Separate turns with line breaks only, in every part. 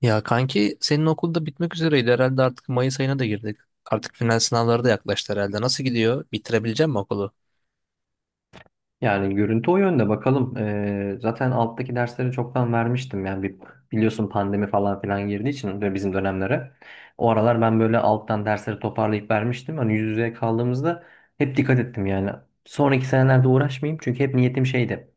Ya kanki senin okulda bitmek üzereydi herhalde artık Mayıs ayına da girdik. Artık final sınavları da yaklaştı herhalde. Nasıl gidiyor? Bitirebilecek mi okulu?
Yani görüntü o yönde bakalım. Zaten alttaki dersleri çoktan vermiştim. Yani biliyorsun pandemi falan filan girdiği için de bizim dönemlere. O aralar ben böyle alttan dersleri toparlayıp vermiştim. Hani yüz yüze kaldığımızda hep dikkat ettim yani. Sonraki senelerde uğraşmayayım çünkü hep niyetim şeydi.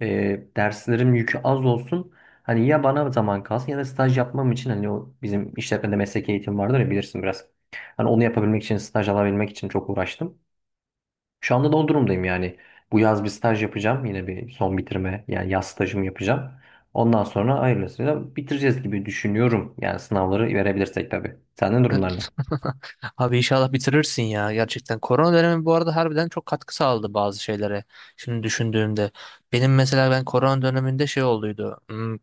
Derslerim yükü az olsun. Hani ya bana zaman kalsın ya da staj yapmam için hani o bizim işletmede mesleki eğitim vardır ya bilirsin biraz. Hani onu yapabilmek için staj alabilmek için çok uğraştım. Şu anda da o durumdayım yani. Bu yaz bir staj yapacağım. Yine bir son bitirme yani yaz stajımı yapacağım. Ondan sonra hayırlısıyla bitireceğiz gibi düşünüyorum. Yani sınavları verebilirsek tabii. Senden durumlar ne?
Evet. Abi inşallah bitirirsin ya gerçekten. Korona dönemi bu arada harbiden çok katkı sağladı bazı şeylere. Şimdi düşündüğümde. Benim mesela ben korona döneminde şey olduydu.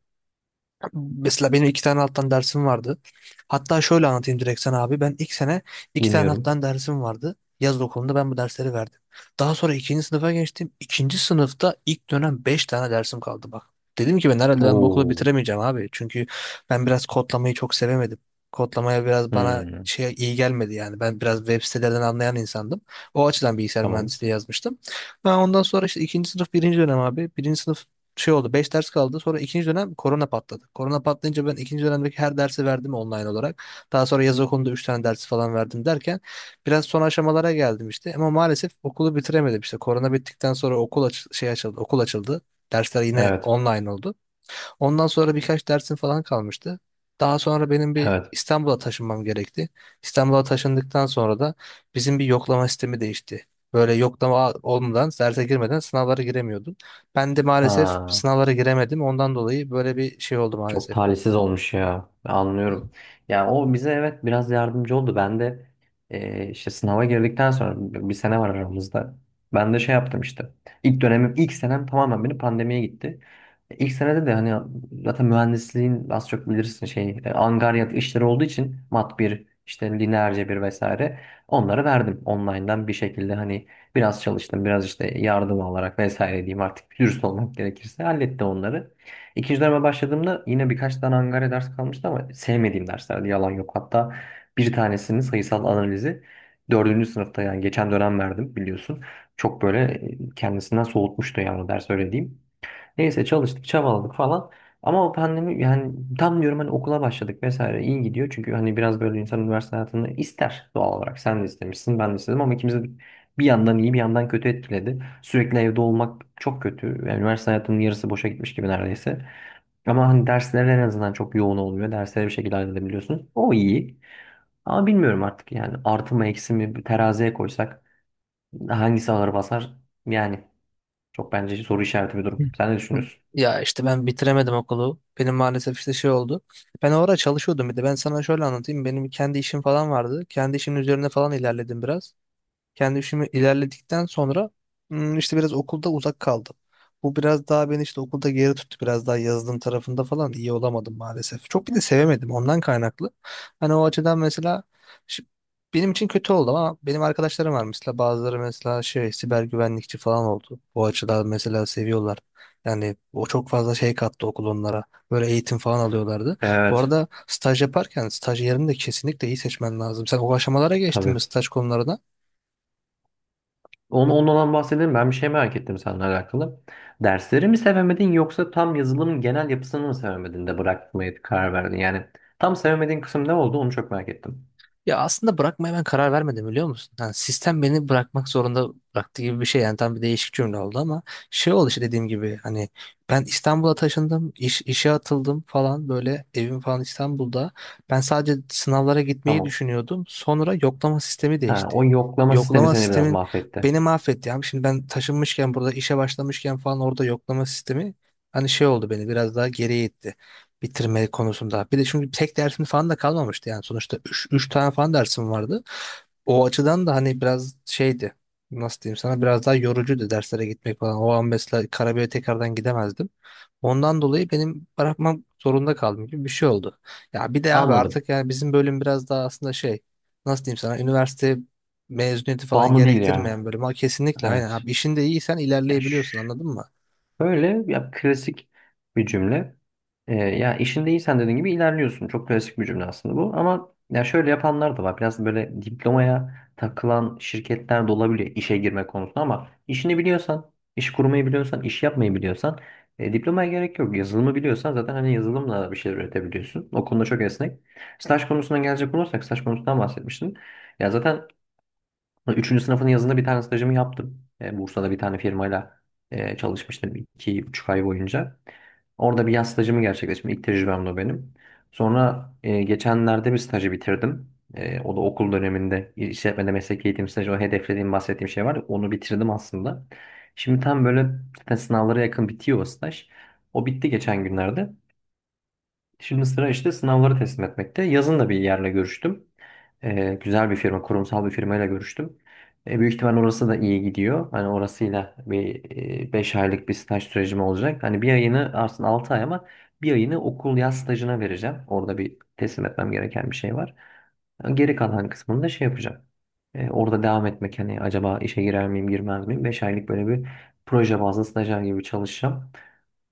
Mesela benim iki tane alttan dersim vardı. Hatta şöyle anlatayım direkt sana abi. Ben ilk sene iki tane
Dinliyorum.
alttan dersim vardı. Yaz okulunda ben bu dersleri verdim. Daha sonra ikinci sınıfa geçtim. İkinci sınıfta ilk dönem beş tane dersim kaldı bak. Dedim ki ben herhalde ben bu okulu
Oo.
bitiremeyeceğim abi. Çünkü ben biraz kodlamayı çok sevemedim. Kodlamaya biraz bana
Hmm,
şey iyi gelmedi yani. Ben biraz web sitelerden anlayan insandım. O açıdan bilgisayar
tamam.
mühendisliği yazmıştım. Ben ondan sonra işte ikinci sınıf birinci dönem abi. Birinci sınıf şey oldu 5 ders kaldı sonra ikinci dönem korona patladı. Korona patlayınca ben ikinci dönemdeki her dersi verdim online olarak. Daha sonra yaz okulunda 3 tane dersi falan verdim derken biraz son aşamalara geldim işte ama maalesef okulu bitiremedim işte. Korona bittikten sonra okul aç şey açıldı okul açıldı. Dersler yine
Evet.
online oldu. Ondan sonra birkaç dersim falan kalmıştı. Daha sonra benim bir
Evet.
İstanbul'a taşınmam gerekti. İstanbul'a taşındıktan sonra da bizim bir yoklama sistemi değişti. Böyle yoklama olmadan, derse girmeden sınavlara giremiyordum. Ben de maalesef
Ha.
sınavlara giremedim. Ondan dolayı böyle bir şey oldu
Çok
maalesef.
talihsiz olmuş ya. Ben anlıyorum. Yani o bize evet biraz yardımcı oldu. Ben de işte sınava girdikten sonra bir sene var aramızda. Ben de şey yaptım işte. İlk dönemim, ilk senem tamamen benim pandemiye gitti. İlk senede de hani zaten mühendisliğin az çok bilirsin angaryat işleri olduğu için mat bir işte lineer cebir vesaire onları verdim online'dan bir şekilde hani biraz çalıştım biraz işte yardım alarak vesaire diyeyim artık dürüst olmak gerekirse hallettim onları. İkinci döneme başladığımda yine birkaç tane Angare ders kalmıştı ama sevmediğim derslerdi yalan yok. Hatta bir tanesinin sayısal analizi dördüncü sınıfta yani geçen dönem verdim biliyorsun. Çok böyle kendisinden soğutmuştu yani o ders öyle diyeyim. Neyse çalıştık, çabaladık falan. Ama o pandemi yani tam diyorum hani okula başladık vesaire iyi gidiyor. Çünkü hani biraz böyle insan üniversite hayatını ister doğal olarak. Sen de istemişsin, ben de istedim ama ikimiz de bir yandan iyi bir yandan kötü etkiledi. Sürekli evde olmak çok kötü. Yani üniversite hayatının yarısı boşa gitmiş gibi neredeyse. Ama hani dersler en azından çok yoğun olmuyor. Derslere bir şekilde halledebiliyorsun. O iyi. Ama bilmiyorum artık yani artı mı eksi mi bir teraziye koysak hangisi ağır basar? Yani çok bence soru işareti bir
Hı.
durum. Sen ne düşünüyorsun?
Ya işte ben bitiremedim okulu. Benim maalesef işte şey oldu. Ben orada çalışıyordum bir de. Ben sana şöyle anlatayım. Benim kendi işim falan vardı. Kendi işimin üzerine falan ilerledim biraz. Kendi işimi ilerledikten sonra işte biraz okulda uzak kaldım. Bu biraz daha beni işte okulda geri tuttu. Biraz daha yazılım tarafında falan iyi olamadım maalesef. Çok bir de sevemedim ondan kaynaklı. Hani o açıdan mesela şi- benim için kötü oldu ama benim arkadaşlarım var mesela bazıları mesela şey siber güvenlikçi falan oldu. Bu açıdan mesela seviyorlar. Yani o çok fazla şey kattı okul onlara. Böyle eğitim falan alıyorlardı. Bu
Evet.
arada staj yaparken staj yerini de kesinlikle iyi seçmen lazım. Sen o aşamalara geçtin mi
Tabii.
staj konularına?
Ondan bahsedelim. Ben bir şey merak ettim seninle alakalı. Dersleri mi sevemedin yoksa tam yazılımın genel yapısını mı sevemedin de bırakmaya karar verdin? Yani tam sevemediğin kısım ne oldu onu çok merak ettim.
Ya aslında bırakmaya ben karar vermedim biliyor musun? Yani sistem beni bırakmak zorunda bıraktı gibi bir şey. Yani tam bir değişik cümle oldu ama şey oldu işte dediğim gibi hani ben İstanbul'a taşındım, işe atıldım falan böyle evim falan İstanbul'da. Ben sadece sınavlara gitmeyi
Tamam.
düşünüyordum. Sonra yoklama sistemi
Ha, o
değişti.
yoklama sistemi
Yoklama
seni biraz
sistemin
mahvetti.
beni mahvetti. Yani şimdi ben taşınmışken burada işe başlamışken falan orada yoklama sistemi hani şey oldu beni biraz daha geriye itti bitirme konusunda. Bir de çünkü tek dersin falan da kalmamıştı yani sonuçta 3 tane falan dersim vardı. O açıdan da hani biraz şeydi. Nasıl diyeyim sana biraz daha yorucuydu derslere gitmek falan. O an mesela Karabük'e tekrardan gidemezdim. Ondan dolayı benim bırakmam zorunda kaldım gibi bir şey oldu. Ya bir de abi
Anladım.
artık yani bizim bölüm biraz daha aslında şey nasıl diyeyim sana üniversite mezuniyeti falan
Bağımlı değil ya.
gerektirmeyen bölüm. Ha, kesinlikle aynen
Evet.
abi işinde iyiysen
Ya,
ilerleyebiliyorsun
şş.
anladın mı?
Böyle ya klasik bir cümle. Ya işinde iyisen dediğin gibi ilerliyorsun. Çok klasik bir cümle aslında bu. Ama ya şöyle yapanlar da var. Biraz böyle diplomaya takılan şirketler de olabiliyor işe girme konusunda ama işini biliyorsan, iş kurmayı biliyorsan, iş yapmayı biliyorsan diplomaya gerek yok. Yazılımı biliyorsan zaten hani yazılımla bir şeyler üretebiliyorsun. O konuda çok esnek. Staj konusuna gelecek olursak staj konusundan bahsetmiştim. Ya zaten üçüncü sınıfın yazında bir tane stajımı yaptım. Bursa'da bir tane firmayla çalışmıştım 2,5 ay boyunca. Orada bir yaz stajımı gerçekleştirdim. İlk tecrübemdi o benim. Sonra geçenlerde bir stajı bitirdim. O da okul döneminde işletmede meslek eğitim stajı o hedeflediğim bahsettiğim şey var. Ya, onu bitirdim aslında. Şimdi tam böyle zaten sınavlara yakın bitiyor o staj. O bitti geçen günlerde. Şimdi sıra işte sınavları teslim etmekte. Yazın da bir yerle görüştüm. Güzel bir firma, kurumsal bir firmayla görüştüm. Büyük ihtimal orası da iyi gidiyor. Hani orasıyla bir 5 aylık bir staj sürecim olacak. Hani bir ayını aslında 6 ay ama bir ayını okul yaz stajına vereceğim. Orada bir teslim etmem gereken bir şey var. Geri kalan kısmını da şey yapacağım. Orada devam etmek hani acaba işe girer miyim girmez miyim? 5 aylık böyle bir proje bazlı stajyer gibi çalışacağım.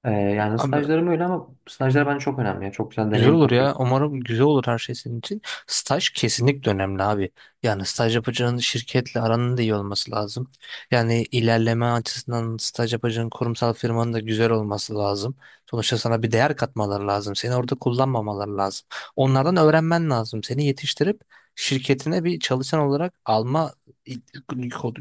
Yani
Ama
stajlarım öyle ama stajlar bence çok önemli. Ya. Çok güzel
güzel
deneyim
olur
katıyor.
ya. Umarım güzel olur her şey senin için. Staj kesinlikle önemli abi. Yani staj yapacağın şirketle aranın da iyi olması lazım. Yani ilerleme açısından staj yapacağın kurumsal firmanın da güzel olması lazım. Sonuçta sana bir değer katmaları lazım. Seni orada kullanmamaları lazım. Onlardan öğrenmen lazım. Seni yetiştirip şirketine bir çalışan olarak alma i-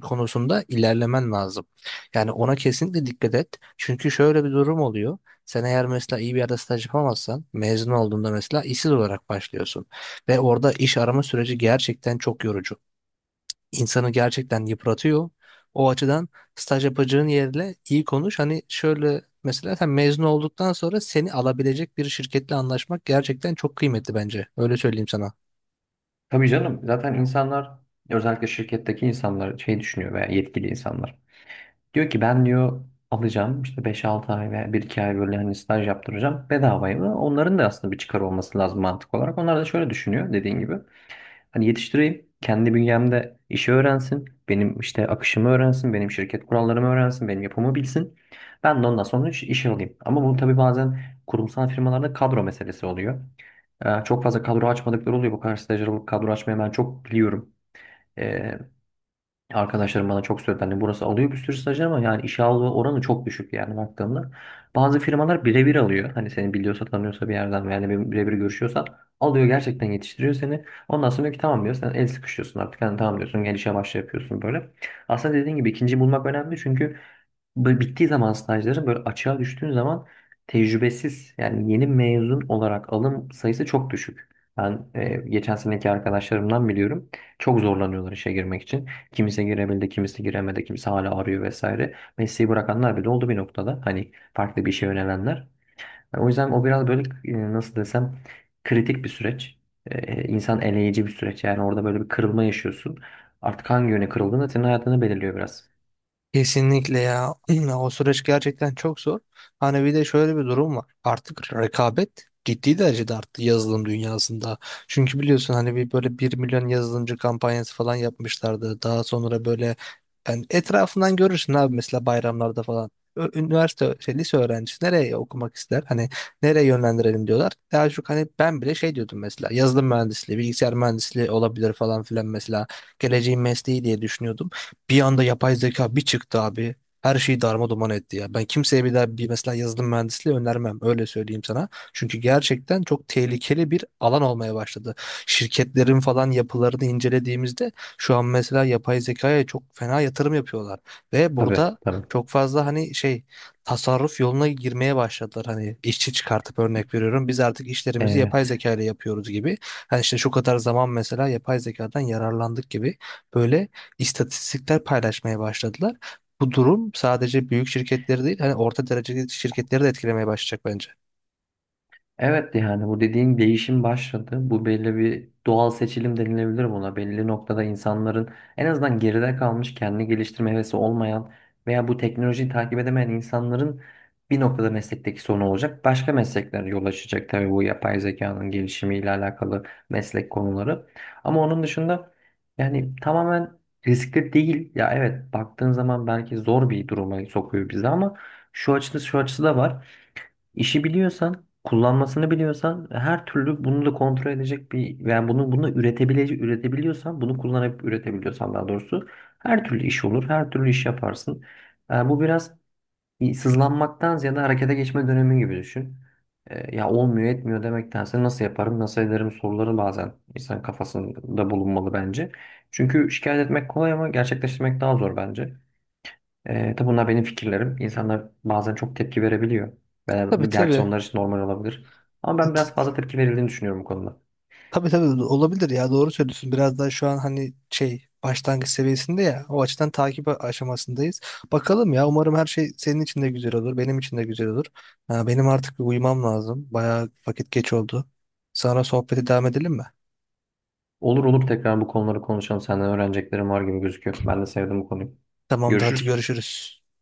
konusunda ilerlemen lazım. Yani ona kesinlikle dikkat et. Çünkü şöyle bir durum oluyor. Sen eğer mesela iyi bir yerde staj yapamazsan mezun olduğunda mesela işsiz olarak başlıyorsun. Ve orada iş arama süreci gerçekten çok yorucu. İnsanı gerçekten yıpratıyor. O açıdan staj yapacağın yerle iyi konuş. Hani şöyle mesela sen mezun olduktan sonra seni alabilecek bir şirketle anlaşmak gerçekten çok kıymetli bence. Öyle söyleyeyim sana.
Tabii canım zaten insanlar özellikle şirketteki insanlar şey düşünüyor veya yetkili insanlar. Diyor ki ben diyor alacağım işte 5-6 ay veya 1-2 ay böyle hani staj yaptıracağım bedavaya. Onların da aslında bir çıkar olması lazım mantık olarak. Onlar da şöyle düşünüyor dediğin gibi. Hani yetiştireyim. Kendi bünyemde işi öğrensin. Benim işte akışımı öğrensin. Benim şirket kurallarımı öğrensin. Benim yapımı bilsin. Ben de ondan sonra işe alayım. Ama bu tabii bazen kurumsal firmalarda kadro meselesi oluyor. Çok fazla kadro açmadıkları oluyor. Bu kadar stajyer alıp kadro açmayı ben çok biliyorum. Arkadaşlarım bana çok söyledi. Hani burası alıyor bir sürü stajyer ama yani işe alma oranı çok düşük yani baktığımda. Bazı firmalar birebir alıyor. Hani seni biliyorsa tanıyorsa bir yerden yani birebir görüşüyorsan alıyor gerçekten yetiştiriyor seni. Ondan sonra diyor ki tamam diyor sen el sıkışıyorsun artık. Hani tamam diyorsun gel işe başla yapıyorsun böyle. Aslında dediğin gibi ikinciyi bulmak önemli çünkü böyle bittiği zaman stajların böyle açığa düştüğün zaman tecrübesiz yani yeni mezun olarak alım sayısı çok düşük. Ben geçen seneki arkadaşlarımdan biliyorum. Çok zorlanıyorlar işe girmek için. Kimisi girebildi, kimisi giremedi, kimisi hala arıyor vesaire. Mesleği bırakanlar bile oldu bir noktada. Hani farklı bir işe yönelenler. Yani o yüzden o biraz böyle nasıl desem kritik bir süreç. E, insan eleyici bir süreç. Yani orada böyle bir kırılma yaşıyorsun. Artık hangi yöne kırıldığın da senin hayatını belirliyor biraz.
Kesinlikle ya. O süreç gerçekten çok zor. Hani bir de şöyle bir durum var. Artık rekabet ciddi derecede arttı yazılım dünyasında. Çünkü biliyorsun hani bir böyle 1 milyon yazılımcı kampanyası falan yapmışlardı. Daha sonra böyle yani etrafından görürsün abi mesela bayramlarda falan. Lise öğrencisi nereye okumak ister? Hani nereye yönlendirelim diyorlar. Daha çok hani ben bile şey diyordum mesela yazılım mühendisliği, bilgisayar mühendisliği olabilir falan filan mesela geleceğin mesleği diye düşünüyordum. Bir anda yapay zeka bir çıktı abi. Her şeyi darma duman etti ya. Ben kimseye bir daha bir mesela yazılım mühendisliği önermem. Öyle söyleyeyim sana. Çünkü gerçekten çok tehlikeli bir alan olmaya başladı. Şirketlerin falan yapılarını incelediğimizde şu an mesela yapay zekaya çok fena yatırım yapıyorlar. Ve
Tabii
burada
tabii.
çok fazla hani şey tasarruf yoluna girmeye başladılar. Hani işçi çıkartıp örnek veriyorum. Biz artık işlerimizi yapay
Evet.
zeka ile yapıyoruz gibi. Hani işte şu kadar zaman mesela yapay zekadan yararlandık gibi böyle istatistikler paylaşmaya başladılar. Bu durum sadece büyük şirketleri değil, hani orta dereceli şirketleri de etkilemeye başlayacak bence.
Evet yani bu dediğin değişim başladı. Bu belli bir doğal seçilim denilebilir buna. Belli noktada insanların en azından geride kalmış kendini geliştirme hevesi olmayan veya bu teknolojiyi takip edemeyen insanların bir noktada meslekteki sorun olacak. Başka meslekler yol açacak tabii bu yapay zekanın gelişimiyle alakalı meslek konuları. Ama onun dışında yani tamamen riskli değil. Ya evet baktığın zaman belki zor bir duruma sokuyor bizi ama şu açısı şu açısı da var. İşi biliyorsan, kullanmasını biliyorsan, her türlü bunu da kontrol edecek bir yani bunu üretebilecek üretebiliyorsan, bunu kullanıp üretebiliyorsan daha doğrusu her türlü iş olur, her türlü iş yaparsın. Yani bu biraz bir sızlanmaktan ziyade harekete geçme dönemi gibi düşün. Ya olmuyor etmiyor demektense nasıl yaparım, nasıl ederim soruları bazen insan kafasında bulunmalı bence. Çünkü şikayet etmek kolay ama gerçekleştirmek daha zor bence. Tabi bunlar benim fikirlerim. İnsanlar bazen çok tepki verebiliyor. Ben,
Tabii
bu gerçi
tabii.
onlar için normal olabilir. Ama ben
Evet,
biraz fazla tepki verildiğini düşünüyorum bu konuda.
tabii tabii olabilir ya doğru söylüyorsun. Biraz daha şu an hani şey başlangıç seviyesinde ya o açıdan takip aşamasındayız. Bakalım ya umarım her şey senin için de güzel olur, benim için de güzel olur. Ha, benim artık bir uyumam lazım. Bayağı vakit geç oldu. Sonra sohbete devam edelim mi?
Olur olur tekrar bu konuları konuşalım. Senden öğreneceklerim var gibi gözüküyor. Ben de sevdim bu konuyu.
Tamamdır hadi
Görüşürüz.
görüşürüz.